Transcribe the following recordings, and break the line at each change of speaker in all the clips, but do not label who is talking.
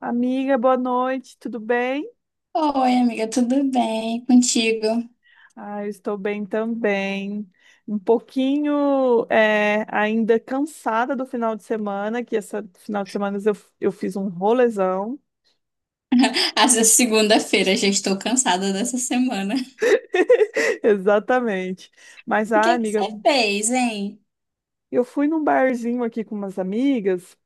Amiga, boa noite, tudo bem?
Oi, amiga, tudo bem contigo?
Ah, eu estou bem também. Um pouquinho ainda cansada do final de semana, que esse final de semana eu fiz um rolezão.
Essa segunda-feira já estou cansada dessa semana.
Exatamente. Mas,
O que
ah,
é que
amiga,
você fez, hein?
eu fui num barzinho aqui com umas amigas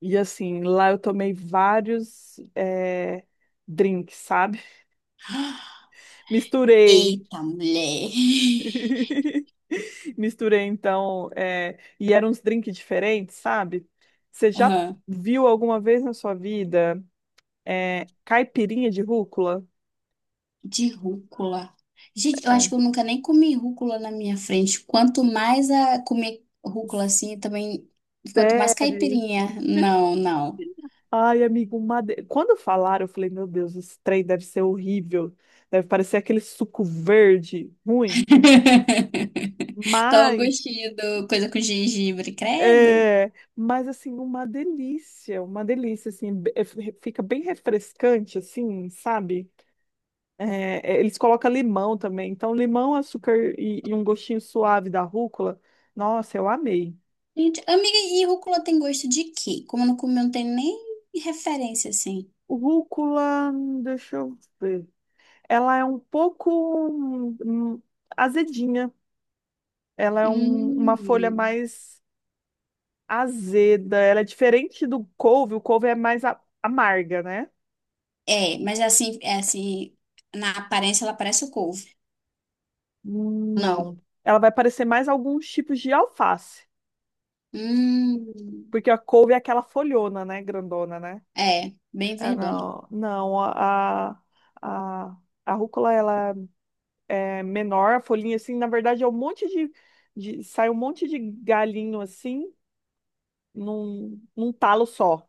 e, assim, lá eu tomei vários drinks, sabe? Misturei.
Eita, mulher.
Misturei então, é, e eram uns drinks diferentes, sabe? Você já
Aham.
viu alguma vez na sua vida caipirinha de rúcula?
De rúcula. Gente, eu acho
É.
que eu nunca nem comi rúcula na minha frente. Quanto mais a comer rúcula assim, também. Quanto mais
Sério?
caipirinha. Não, não.
Ai, amigo, quando falaram, eu falei, meu Deus, esse trem deve ser horrível. Deve parecer aquele suco verde ruim.
Tô o
Mas,
gostinho do coisa com gengibre, credo.
mas assim, uma delícia, assim, fica bem refrescante, assim, sabe? Eles colocam limão também. Então, limão, açúcar e um gostinho suave da rúcula. Nossa, eu amei.
Gente, amiga, e rúcula tem gosto de quê? Como eu não comi, eu não tem nem referência, assim.
Rúcula, deixa eu ver. Ela é um pouco hum, hum, azedinha. Ela é uma folha
Hum.
mais azeda. Ela é diferente do couve. O couve é mais amarga, né?
É, mas é assim, na aparência ela parece o couve. Não.
Não. Ela vai parecer mais alguns tipos de alface.
Hum.
Porque a couve é aquela folhona, né? Grandona, né?
É, bem
É,
verdona.
não, não, a rúcula ela é menor, a folhinha assim, na verdade é um monte de sai um monte de galinho assim, num talo só.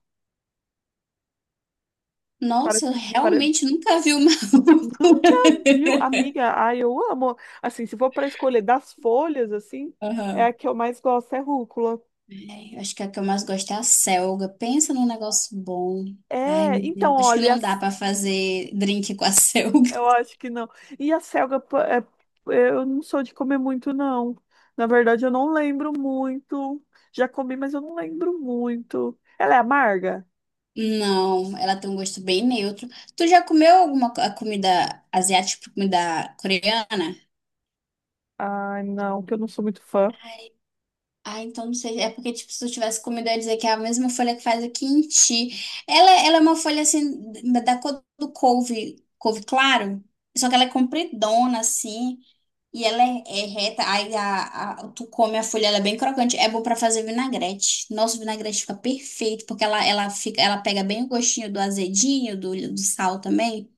Nossa, eu
Parece,
realmente nunca vi uma rúcula.
nunca viu, amiga, ai, eu amo. Assim, se for para escolher das folhas, assim, é
Aham.
a que eu mais gosto, é rúcula.
É, eu acho que a que eu mais gosto é a selga. Pensa num negócio bom. Ai,
É,
meu
então,
Deus. Acho que
olha,
não dá pra fazer drink com a selga.
eu acho que não. E a selga, eu não sou de comer muito, não. Na verdade, eu não lembro muito. Já comi, mas eu não lembro muito. Ela é amarga?
Não, ela tem um gosto bem neutro. Tu já comeu alguma a comida asiática, tipo comida coreana?
Ai, não, que eu não sou muito fã.
Ah, então não sei. É porque, tipo, se eu tivesse comido, eu ia dizer que é a mesma folha que faz o quinti. Ela é uma folha, assim, da cor do couve, couve claro. Só que ela é compridona, assim. E ela é reta. Aí tu come a folha, ela é bem crocante. É bom pra fazer vinagrete. Nossa, o vinagrete fica perfeito, porque ela pega bem o gostinho do azedinho, do sal também.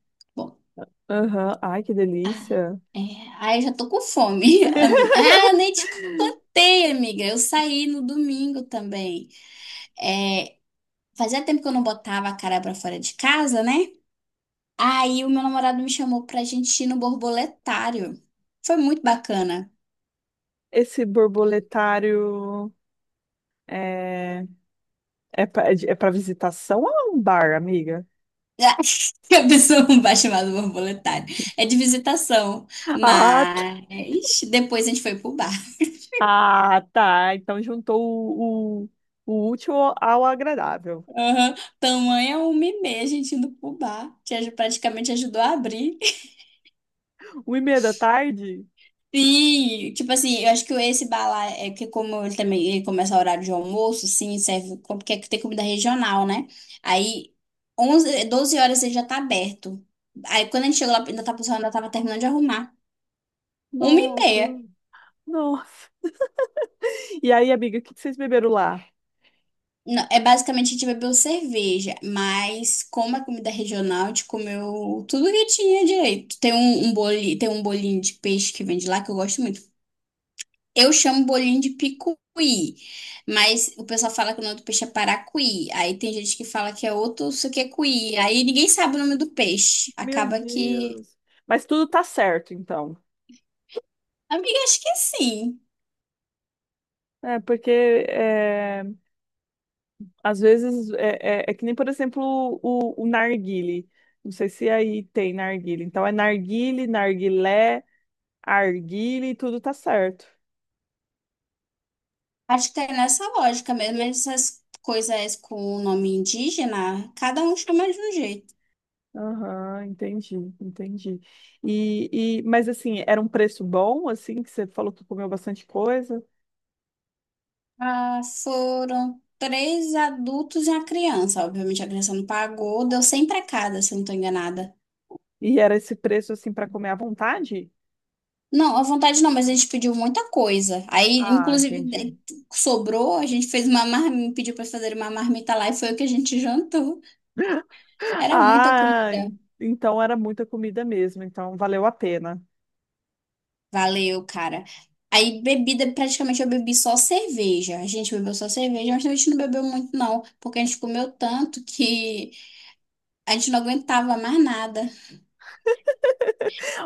Aham. Ai, que
Ah,
delícia.
é. Ai, já tô com fome. Nem te contei, amiga. Eu saí no domingo também. Fazia tempo que eu não botava a cara pra fora de casa, né? Aí o meu namorado me chamou pra gente ir no borboletário. Foi muito bacana.
Esse borboletário é, é para visitação ou é um bar, amiga?
A pessoa não vai chamar do borboletário. É de visitação.
Ah, tá.
Mas depois a gente foi pro bar.
Ah, tá. Então juntou o útil ao agradável.
Aham. Tamanho é 1h30, a gente indo pro bar. Praticamente ajudou a abrir.
Uma e meia da tarde?
Sim, tipo assim, eu acho que esse bar lá é que como ele também ele começa a horário de almoço, sim, serve porque tem comida regional, né? Aí 11 12 horas ele já tá aberto. Aí quando a gente chegou lá, ainda tá pessoal ainda tava terminando de arrumar. Uma e
Nossa,
meia.
nossa. E aí, amiga, o que que vocês beberam lá?
Não, é basicamente a gente bebeu cerveja, mas como é comida regional, a gente comeu tudo que tinha direito. Tem um bolinho, tem um bolinho de peixe que vende lá que eu gosto muito. Eu chamo bolinho de picuí, mas o pessoal fala que o nome do peixe é paracuí. Aí tem gente que fala que é outro, isso que é cuí. Aí ninguém sabe o nome do peixe.
Meu
Acaba que.
Deus. Mas tudo tá certo, então.
Amiga, acho que sim.
É, porque é, às vezes é que nem, por exemplo, o narguile. Não sei se aí tem narguile. Então é narguile, narguilé, arguile, tudo tá certo.
Acho que é nessa lógica mesmo. Essas coisas com o nome indígena, cada um chama de um jeito.
Aham, entendi, entendi. Mas assim, era um preço bom, assim, que você falou que comeu bastante coisa?
Ah, foram três adultos e uma criança. Obviamente a criança não pagou, deu 100 pra cada, se eu não tô enganada.
E era esse preço, assim, para comer à vontade?
Não, à vontade não, mas a gente pediu muita coisa. Aí,
Ah,
inclusive,
entendi.
sobrou, a gente fez uma marmita, pediu para fazer uma marmita lá e foi o que a gente jantou. Era muita
Ah,
comida.
en- então era muita comida mesmo, então valeu a pena.
Valeu, cara. Aí, bebida, praticamente eu bebi só cerveja. A gente bebeu só cerveja, mas a gente não bebeu muito, não, porque a gente comeu tanto que a gente não aguentava mais nada.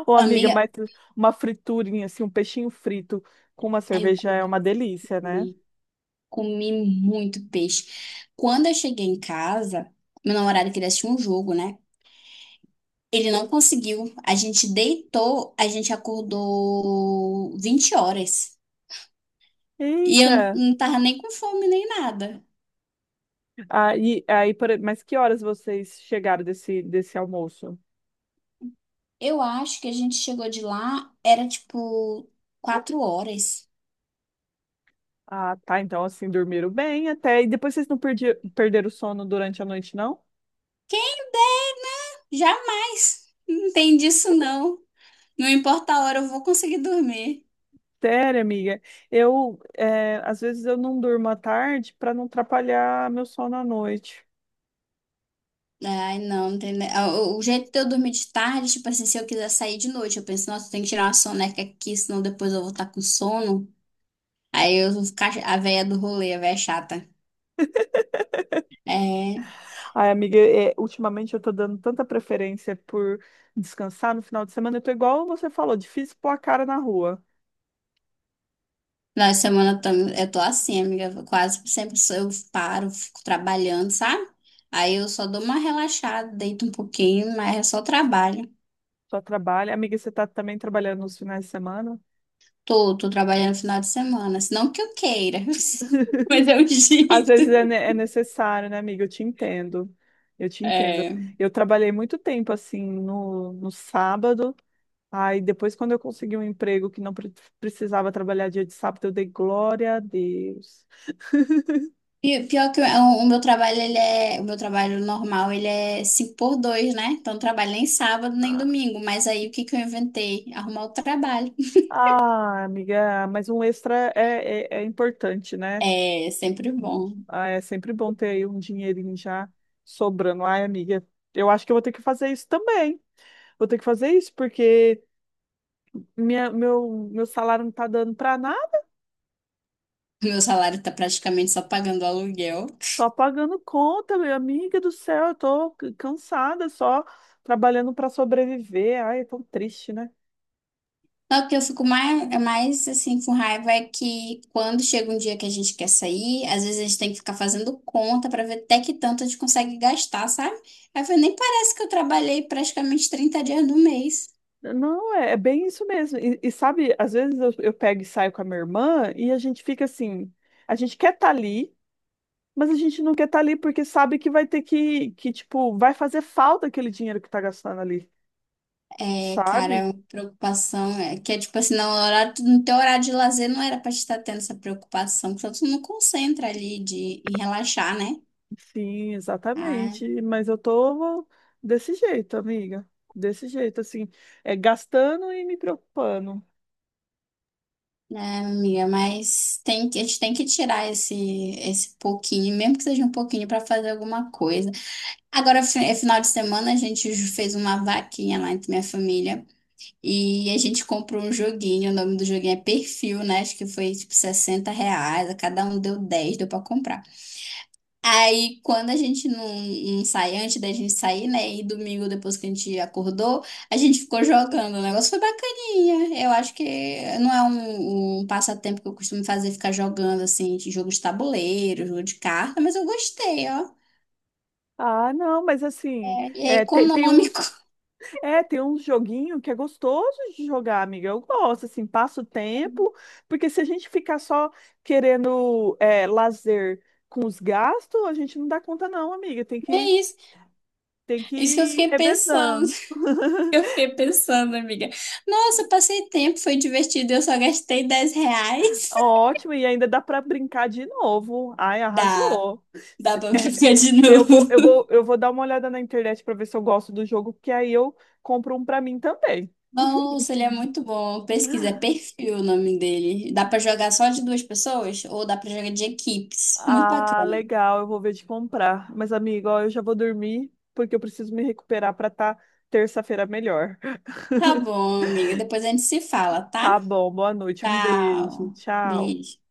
Ô, amiga,
Amiga,
mas uma friturinha, assim, um peixinho frito com uma
aí eu
cerveja é uma
comi,
delícia, né?
comi, comi muito peixe. Quando eu cheguei em casa, meu namorado queria assistir um jogo, né? Ele não conseguiu. A gente deitou, a gente acordou 20h. E eu
Eita!
não tava nem com fome nem nada.
Mas que horas vocês chegaram desse almoço?
Eu acho que a gente chegou de lá, era tipo 4h.
Ah, tá, então assim, dormiram bem até. E depois vocês não perderam o sono durante a noite, não?
Jamais! Não tem disso não. Não importa a hora, eu vou conseguir dormir.
Sério, amiga, às vezes eu não durmo à tarde para não atrapalhar meu sono à noite.
Ai, não, não tem. O jeito de eu dormir de tarde, tipo assim, se eu quiser sair de noite, eu penso, nossa, eu tenho que tirar uma soneca aqui, senão depois eu vou estar com sono. Aí eu vou ficar a véia do rolê, a véia chata. É.
Ai, amiga, ultimamente eu tô dando tanta preferência por descansar no final de semana. Eu tô igual você falou, difícil pôr a cara na rua.
Na semana eu tô assim, amiga. Eu Quase sempre sou- eu paro, fico trabalhando, sabe? Aí eu só dou uma relaxada, deito um pouquinho, mas é só trabalho.
Só trabalha. Amiga, você tá também trabalhando nos finais de semana?
Tô trabalhando no final de semana. Se Não que eu queira, mas é o
Às
jeito.
vezes é necessário, né, amiga? Eu te entendo. Eu te entendo.
É.
Eu trabalhei muito tempo, assim, no sábado. Aí depois, quando eu consegui um emprego que não pre- precisava trabalhar dia de sábado, eu dei glória a Deus.
E pior que o meu trabalho, o meu trabalho normal, ele é 5 por dois, né? Então eu trabalho nem sábado, nem domingo. Mas aí o que que eu inventei? Arrumar o trabalho.
Ah, amiga, mas um extra é importante, né?
É sempre bom.
Ah, é sempre bom ter aí um dinheirinho já sobrando. Ai, amiga, eu acho que eu vou ter que fazer isso também. Vou ter que fazer isso porque meu salário não tá dando pra nada,
Meu salário tá praticamente só pagando aluguel.
só pagando conta, minha amiga do céu. Eu tô cansada, só trabalhando pra sobreviver. Ai, é tão triste, né?
Não, o que eu fico mais, é mais assim com raiva é que quando chega um dia que a gente quer sair, às vezes a gente tem que ficar fazendo conta pra ver até que tanto a gente consegue gastar, sabe? Aí eu falei, nem parece que eu trabalhei praticamente 30 dias do mês.
Não, é bem isso mesmo. E sabe, às vezes eu pego e saio com a minha irmã e a gente fica assim, a gente quer estar ali. Mas a gente não quer estar ali porque sabe que vai ter tipo, vai fazer falta aquele dinheiro que tá gastando ali,
É,
sabe?
cara, preocupação é que é tipo assim, não, no horário, no teu horário de lazer não era pra te estar tendo essa preocupação, porque tu não concentra ali em relaxar, né?
Sim,
Ah,
exatamente. Mas eu tô desse jeito, amiga. Desse jeito, assim, gastando e me preocupando.
né, amiga? Mas a gente tem que tirar esse pouquinho, mesmo que seja um pouquinho, para fazer alguma coisa. Agora, é final de semana, a gente fez uma vaquinha lá entre minha família e a gente comprou um joguinho. O nome do joguinho é Perfil, né? Acho que foi tipo R$ 60. A Cada um deu 10, deu para comprar. Aí, quando a gente não sai antes da gente sair, né? E domingo, depois que a gente acordou, a gente ficou jogando. O negócio foi bacaninha. Eu acho que não é um passatempo que eu costumo fazer, ficar jogando, assim, de jogo de tabuleiro, jogo de carta, mas eu gostei, ó.
Ah, não, mas
É,
assim,
e é
é, te- tem,
econômico.
uns, tem uns joguinho que é gostoso de jogar, amiga. Eu gosto, assim, passa o tempo, porque se a gente ficar só querendo lazer com os gastos, a gente não dá conta, não, amiga.
É isso.
Tem que
Isso que eu
ir
fiquei pensando.
revezando.
Eu fiquei pensando, amiga. Nossa, eu passei tempo, foi divertido, eu só gastei R$ 10.
Ótimo, e ainda dá para brincar de novo. Ai,
Dá,
arrasou.
dá
Se-
pra
é,
brincar de
eu vou,
novo.
eu vou dar uma olhada na internet para ver se eu gosto do jogo, porque aí eu compro um para mim também.
Nossa, ele é muito bom. Pesquisa, é perfil o nome dele. Dá pra jogar só de duas pessoas ou dá pra jogar de equipes? Muito
Ah,
bacana.
legal, eu vou ver de comprar. Mas, amigo, ó, eu já vou dormir, porque eu preciso me recuperar para estar terça-feira melhor.
Tá bom, amiga. Depois a gente se fala, tá?
Tá bom, boa noite, um beijo,
Tchau.
tchau.
Beijo.